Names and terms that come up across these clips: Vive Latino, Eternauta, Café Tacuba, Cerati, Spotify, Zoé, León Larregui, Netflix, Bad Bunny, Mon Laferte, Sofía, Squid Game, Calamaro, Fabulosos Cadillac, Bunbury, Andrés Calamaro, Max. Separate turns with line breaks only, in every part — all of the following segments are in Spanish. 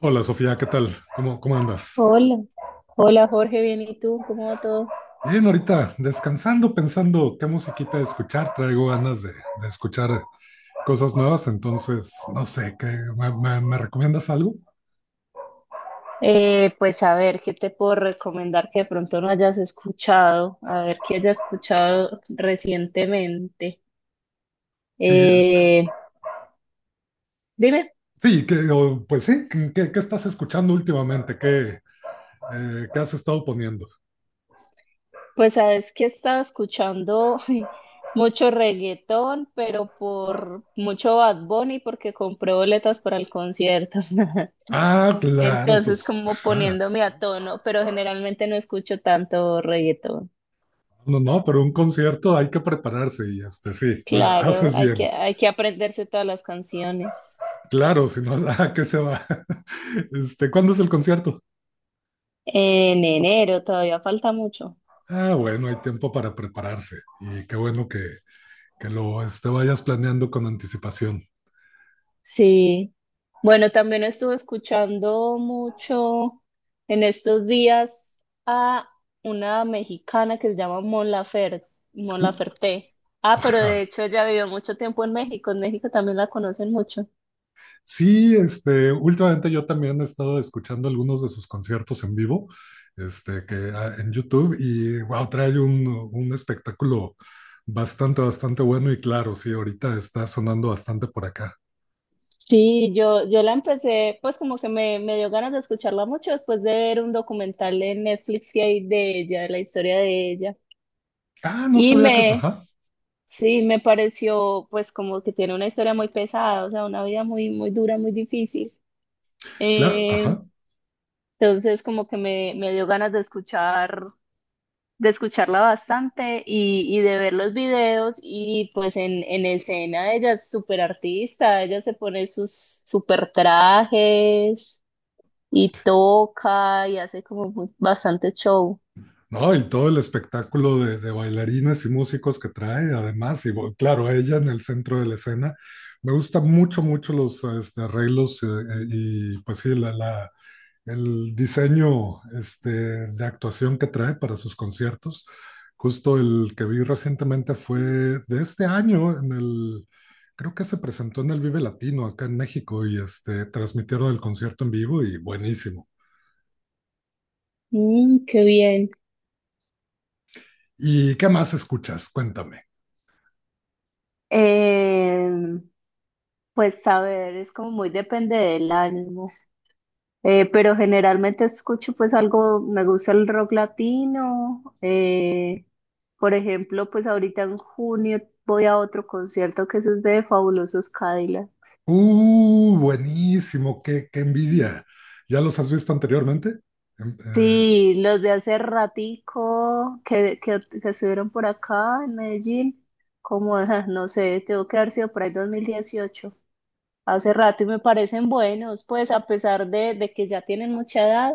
Hola Sofía, ¿qué tal? ¿Cómo andas?
Hola, hola Jorge, bien, ¿y tú? ¿Cómo va todo?
Bien, ahorita descansando, pensando qué musiquita escuchar. Traigo ganas de escuchar cosas nuevas, entonces no sé, me recomiendas algo?
Pues a ver, ¿qué te puedo recomendar que de pronto no hayas escuchado? A ver, ¿qué hayas escuchado recientemente?
Sí,
Eh, Dime,
sí pues sí, ¿qué estás escuchando últimamente? ¿Qué has estado poniendo?
pues sabes que he estado escuchando mucho reggaetón, pero por mucho Bad Bunny porque compré boletas para el concierto.
Ah, claro,
Entonces,
pues,
como
ajá.
poniéndome a tono, pero generalmente no escucho tanto reggaetón.
No, no, pero un concierto hay que prepararse y este sí,
Claro,
haces
hay que,
bien.
hay que aprenderse todas las canciones.
Claro, si no, ¿a qué se va? Este, ¿cuándo es el concierto?
En enero todavía falta mucho.
Ah, bueno, hay tiempo para prepararse y qué bueno que, vayas planeando con anticipación.
Sí. Bueno, también estuve escuchando mucho en estos días a una mexicana que se llama Mon
Uh,
Laferte. Ah, pero de
ajá.
hecho ella vivió mucho tiempo en México. En México también la conocen mucho.
Sí, este, últimamente yo también he estado escuchando algunos de sus conciertos en vivo, este, que en YouTube y wow, trae un espectáculo bastante, bastante bueno y claro, sí, ahorita está sonando bastante por acá.
Sí, yo la empecé, pues como que me dio ganas de escucharla mucho después de ver un documental en Netflix que hay de ella, de la historia de ella.
Ah, no
Y
sabía que.
me,
Ajá,
sí, me pareció pues como que tiene una historia muy pesada, o sea, una vida muy, muy dura, muy difícil.
claro,
Eh,
ajá.
entonces como que me dio ganas de escucharla bastante y de ver los videos y pues en escena ella es súper artista, ella se pone sus súper trajes y toca y hace como bastante show.
No, y todo el espectáculo de bailarines y músicos que trae, además, y claro, ella en el centro de la escena. Me gustan mucho, mucho los este, arreglos y, pues sí, el diseño este, de actuación que trae para sus conciertos. Justo el que vi recientemente fue de este año, creo que se presentó en el Vive Latino acá en México y este, transmitieron el concierto en vivo y buenísimo.
Mm, qué bien.
¿Y qué más escuchas? Cuéntame.
Eh, Pues a ver, es como muy depende del ánimo. Pero generalmente escucho pues algo, me gusta el rock latino, por ejemplo, pues ahorita en junio voy a otro concierto que es de Fabulosos Cadillac.
Buenísimo, qué envidia. ¿Ya los has visto anteriormente? Em,
Sí, los de hace ratico que estuvieron por acá en Medellín, como, ajá, no sé, tengo que haber sido por ahí 2018. Hace rato y me parecen buenos, pues a pesar de que ya tienen mucha edad,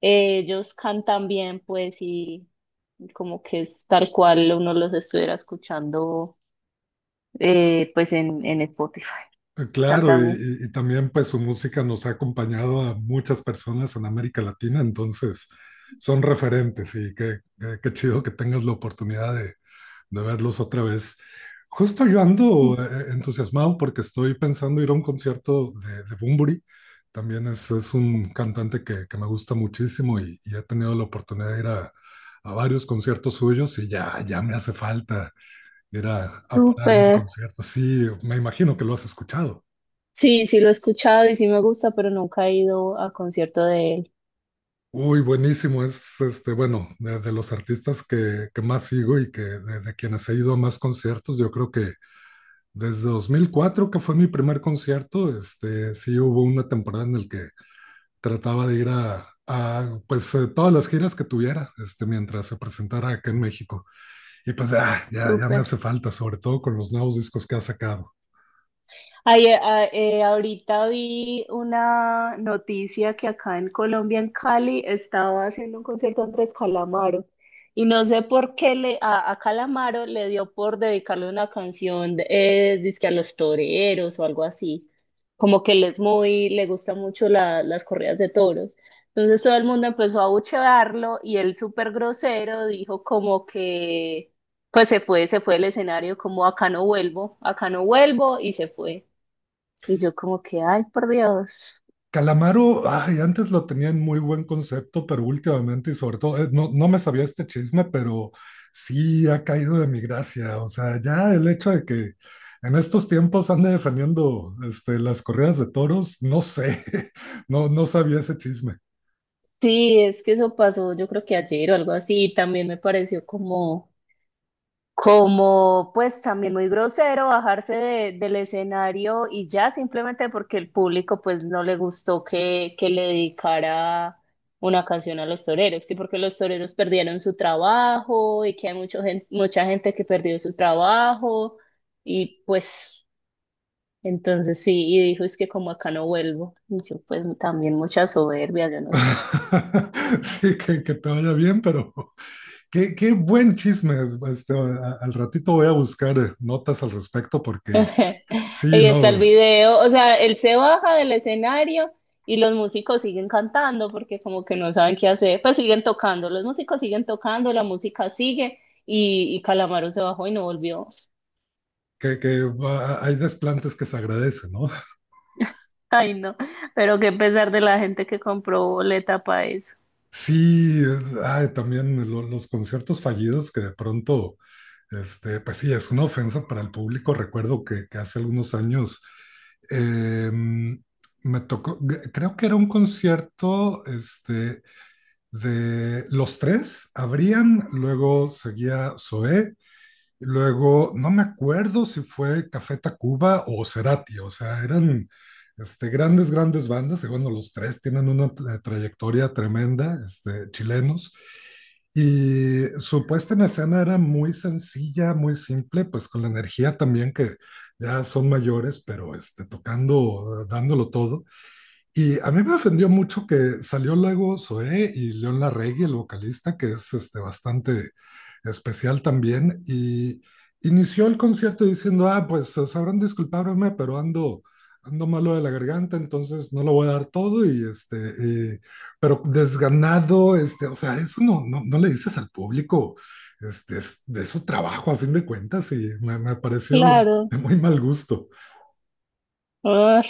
ellos cantan bien, pues, y como que es tal cual uno los estuviera escuchando, pues en Spotify.
claro, y,
Cantan bien.
y- y también pues su música nos ha acompañado a muchas personas en América Latina, entonces son referentes y qué chido que tengas la oportunidad de verlos otra vez. Justo yo ando entusiasmado porque estoy pensando ir a un concierto de Bunbury. También es un cantante que me gusta muchísimo y he tenido la oportunidad de ir a varios conciertos suyos y ya me hace falta ir a pararme un
Súper.
concierto. Sí, me imagino que lo has escuchado.
Sí, sí lo he escuchado y sí me gusta, pero nunca he ido a concierto de él.
Uy, buenísimo. Es este, bueno, de los artistas que más sigo y que de quienes he ido a más conciertos, yo creo que desde 2004 que fue mi primer concierto, este, sí hubo una temporada en la que trataba de ir a, pues, todas las giras que tuviera, este, mientras se presentara acá en México. Y pues ya me
Súper.
hace falta, sobre todo con los nuevos discos que ha sacado.
Ay, ahorita vi una noticia que acá en Colombia, en Cali, estaba haciendo un concierto Andrés Calamaro. Y no sé por qué a Calamaro le dio por dedicarle una canción, dizque a los toreros o algo así. Como que él es muy, le gusta mucho las corridas de toros. Entonces todo el mundo empezó a abuchearlo y él súper grosero dijo como que, pues se fue del escenario como acá no vuelvo y se fue. Y yo como que, ay, por Dios.
Calamaro, ay, antes lo tenía en muy buen concepto, pero últimamente y sobre todo, no, no me sabía este chisme, pero sí ha caído de mi gracia. O sea, ya el hecho de que en estos tiempos ande defendiendo este, las corridas de toros, no sé, no, no sabía ese chisme.
Sí, es que eso pasó, yo creo que ayer o algo así, y también me pareció como, pues también muy grosero bajarse del escenario y ya simplemente porque el público pues no le gustó que le dedicara una canción a los toreros, que porque los toreros perdieron su trabajo y que hay mucha gente que perdió su trabajo y pues... Entonces sí, y dijo, es que como acá no vuelvo. Y yo pues también mucha soberbia, yo no sé.
Sí, que te vaya bien, pero qué buen chisme. Este, al ratito voy a buscar notas al respecto porque sí,
Y está
no,
el video, o sea, él se baja del escenario y los músicos siguen cantando porque como que no saben qué hacer, pues siguen tocando, los músicos siguen tocando, la música sigue y Calamaro se bajó y no volvió.
hay desplantes que se agradecen, ¿no?
Ay, no, pero qué pesar de la gente que compró boleta para eso.
Sí, ay, también los conciertos fallidos que de pronto, este, pues sí, es una ofensa para el público. Recuerdo que hace algunos años me tocó, creo que era un concierto este, de los tres, abrían, luego seguía Zoé. Luego, no me acuerdo si fue Café Tacuba o Cerati, o sea, eran este, grandes, grandes bandas, y bueno, los tres tienen una trayectoria tremenda, este, chilenos, y su puesta en escena era muy sencilla, muy simple, pues con la energía también que ya son mayores, pero este, tocando, dándolo todo. Y a mí me ofendió mucho que salió luego Zoé y León Larregui, el vocalista, que es este, bastante especial también, y inició el concierto diciendo, ah, pues sabrán disculparme, pero ando, malo de la garganta, entonces no lo voy a dar todo, y este, y- pero desganado, este, o sea, eso no, no, no le dices al público, este, es de su trabajo a fin de cuentas, y me pareció
Claro.
de muy mal gusto.
Ay,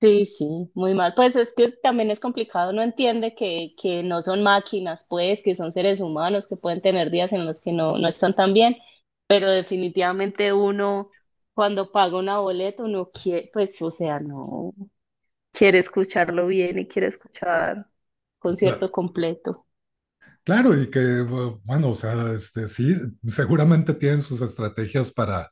sí, sí, muy mal. Pues es que también es complicado, no entiende que no son máquinas, pues, que son seres humanos, que pueden tener días en los que no, no están tan bien, pero definitivamente uno cuando paga una boleta, uno quiere, pues, o sea, no, quiere escucharlo bien y quiere escuchar
Cla-
concierto completo.
Claro, y que, bueno, o sea, este, sí, seguramente tienen sus estrategias para,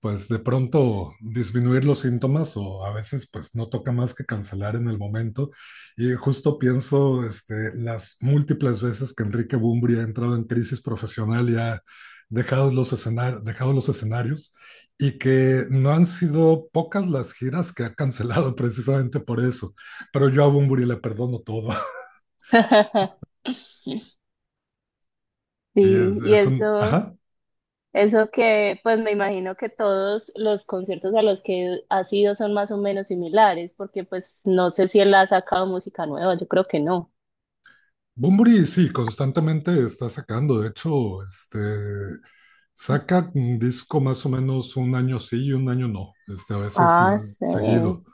pues, de pronto disminuir los síntomas o a veces, pues, no toca más que cancelar en el momento. Y justo pienso, este, las múltiples veces que Enrique Bumbri ha entrado en crisis profesional y ha dejado los, escenar dejado los escenarios y que no han sido pocas las giras que ha cancelado precisamente por eso. Pero yo a Bumburi le perdono todo. Sí, es,
Sí, y
es un,
eso,
ajá.
Eso que, pues me imagino que todos los conciertos a los que ha sido son más o menos similares, porque pues no sé si él ha sacado música nueva, yo creo que no.
Bunbury sí, constantemente está sacando. De hecho, este, saca un disco más o menos un año sí y un año no, este, a veces
Ah,
seguido.
sí.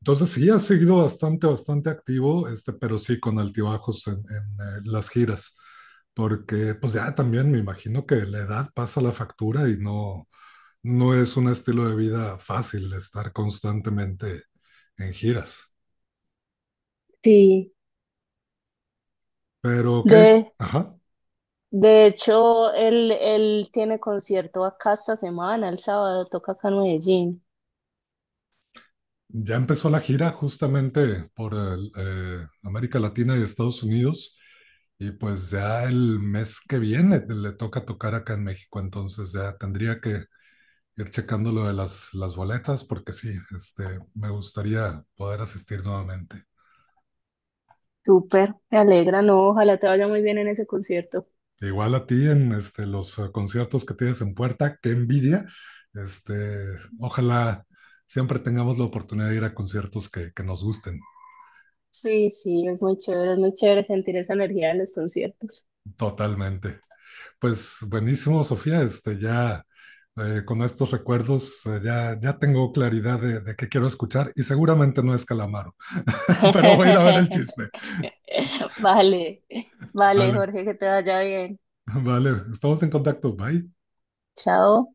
Entonces sí, ha seguido bastante, bastante activo, este, pero sí con altibajos las giras, porque pues ya también me imagino que la edad pasa la factura y no, no es un estilo de vida fácil estar constantemente en giras.
Sí,
Pero, ¿qué?
de,
Ajá.
de hecho, él tiene concierto acá esta semana, el sábado toca acá en Medellín.
Ya empezó la gira justamente por América Latina y Estados Unidos y pues ya el mes que viene le toca tocar acá en México, entonces ya tendría que ir checando lo de las boletas porque sí, este, me gustaría poder asistir nuevamente.
Súper, me alegra, no, ojalá te vaya muy bien en ese concierto.
Igual a ti en este, los conciertos que tienes en puerta, qué envidia. Este, ojalá siempre tengamos la oportunidad de ir a conciertos que nos gusten
Sí, sí, es muy chévere sentir esa energía en los conciertos.
totalmente. Pues buenísimo, Sofía. Este, ya con estos recuerdos ya tengo claridad de qué quiero escuchar y seguramente no es Calamaro, pero voy a ir a ver el chisme.
Vale, vale,
Vale,
Jorge, que te vaya bien.
vale. Estamos en contacto. Bye.
Chao.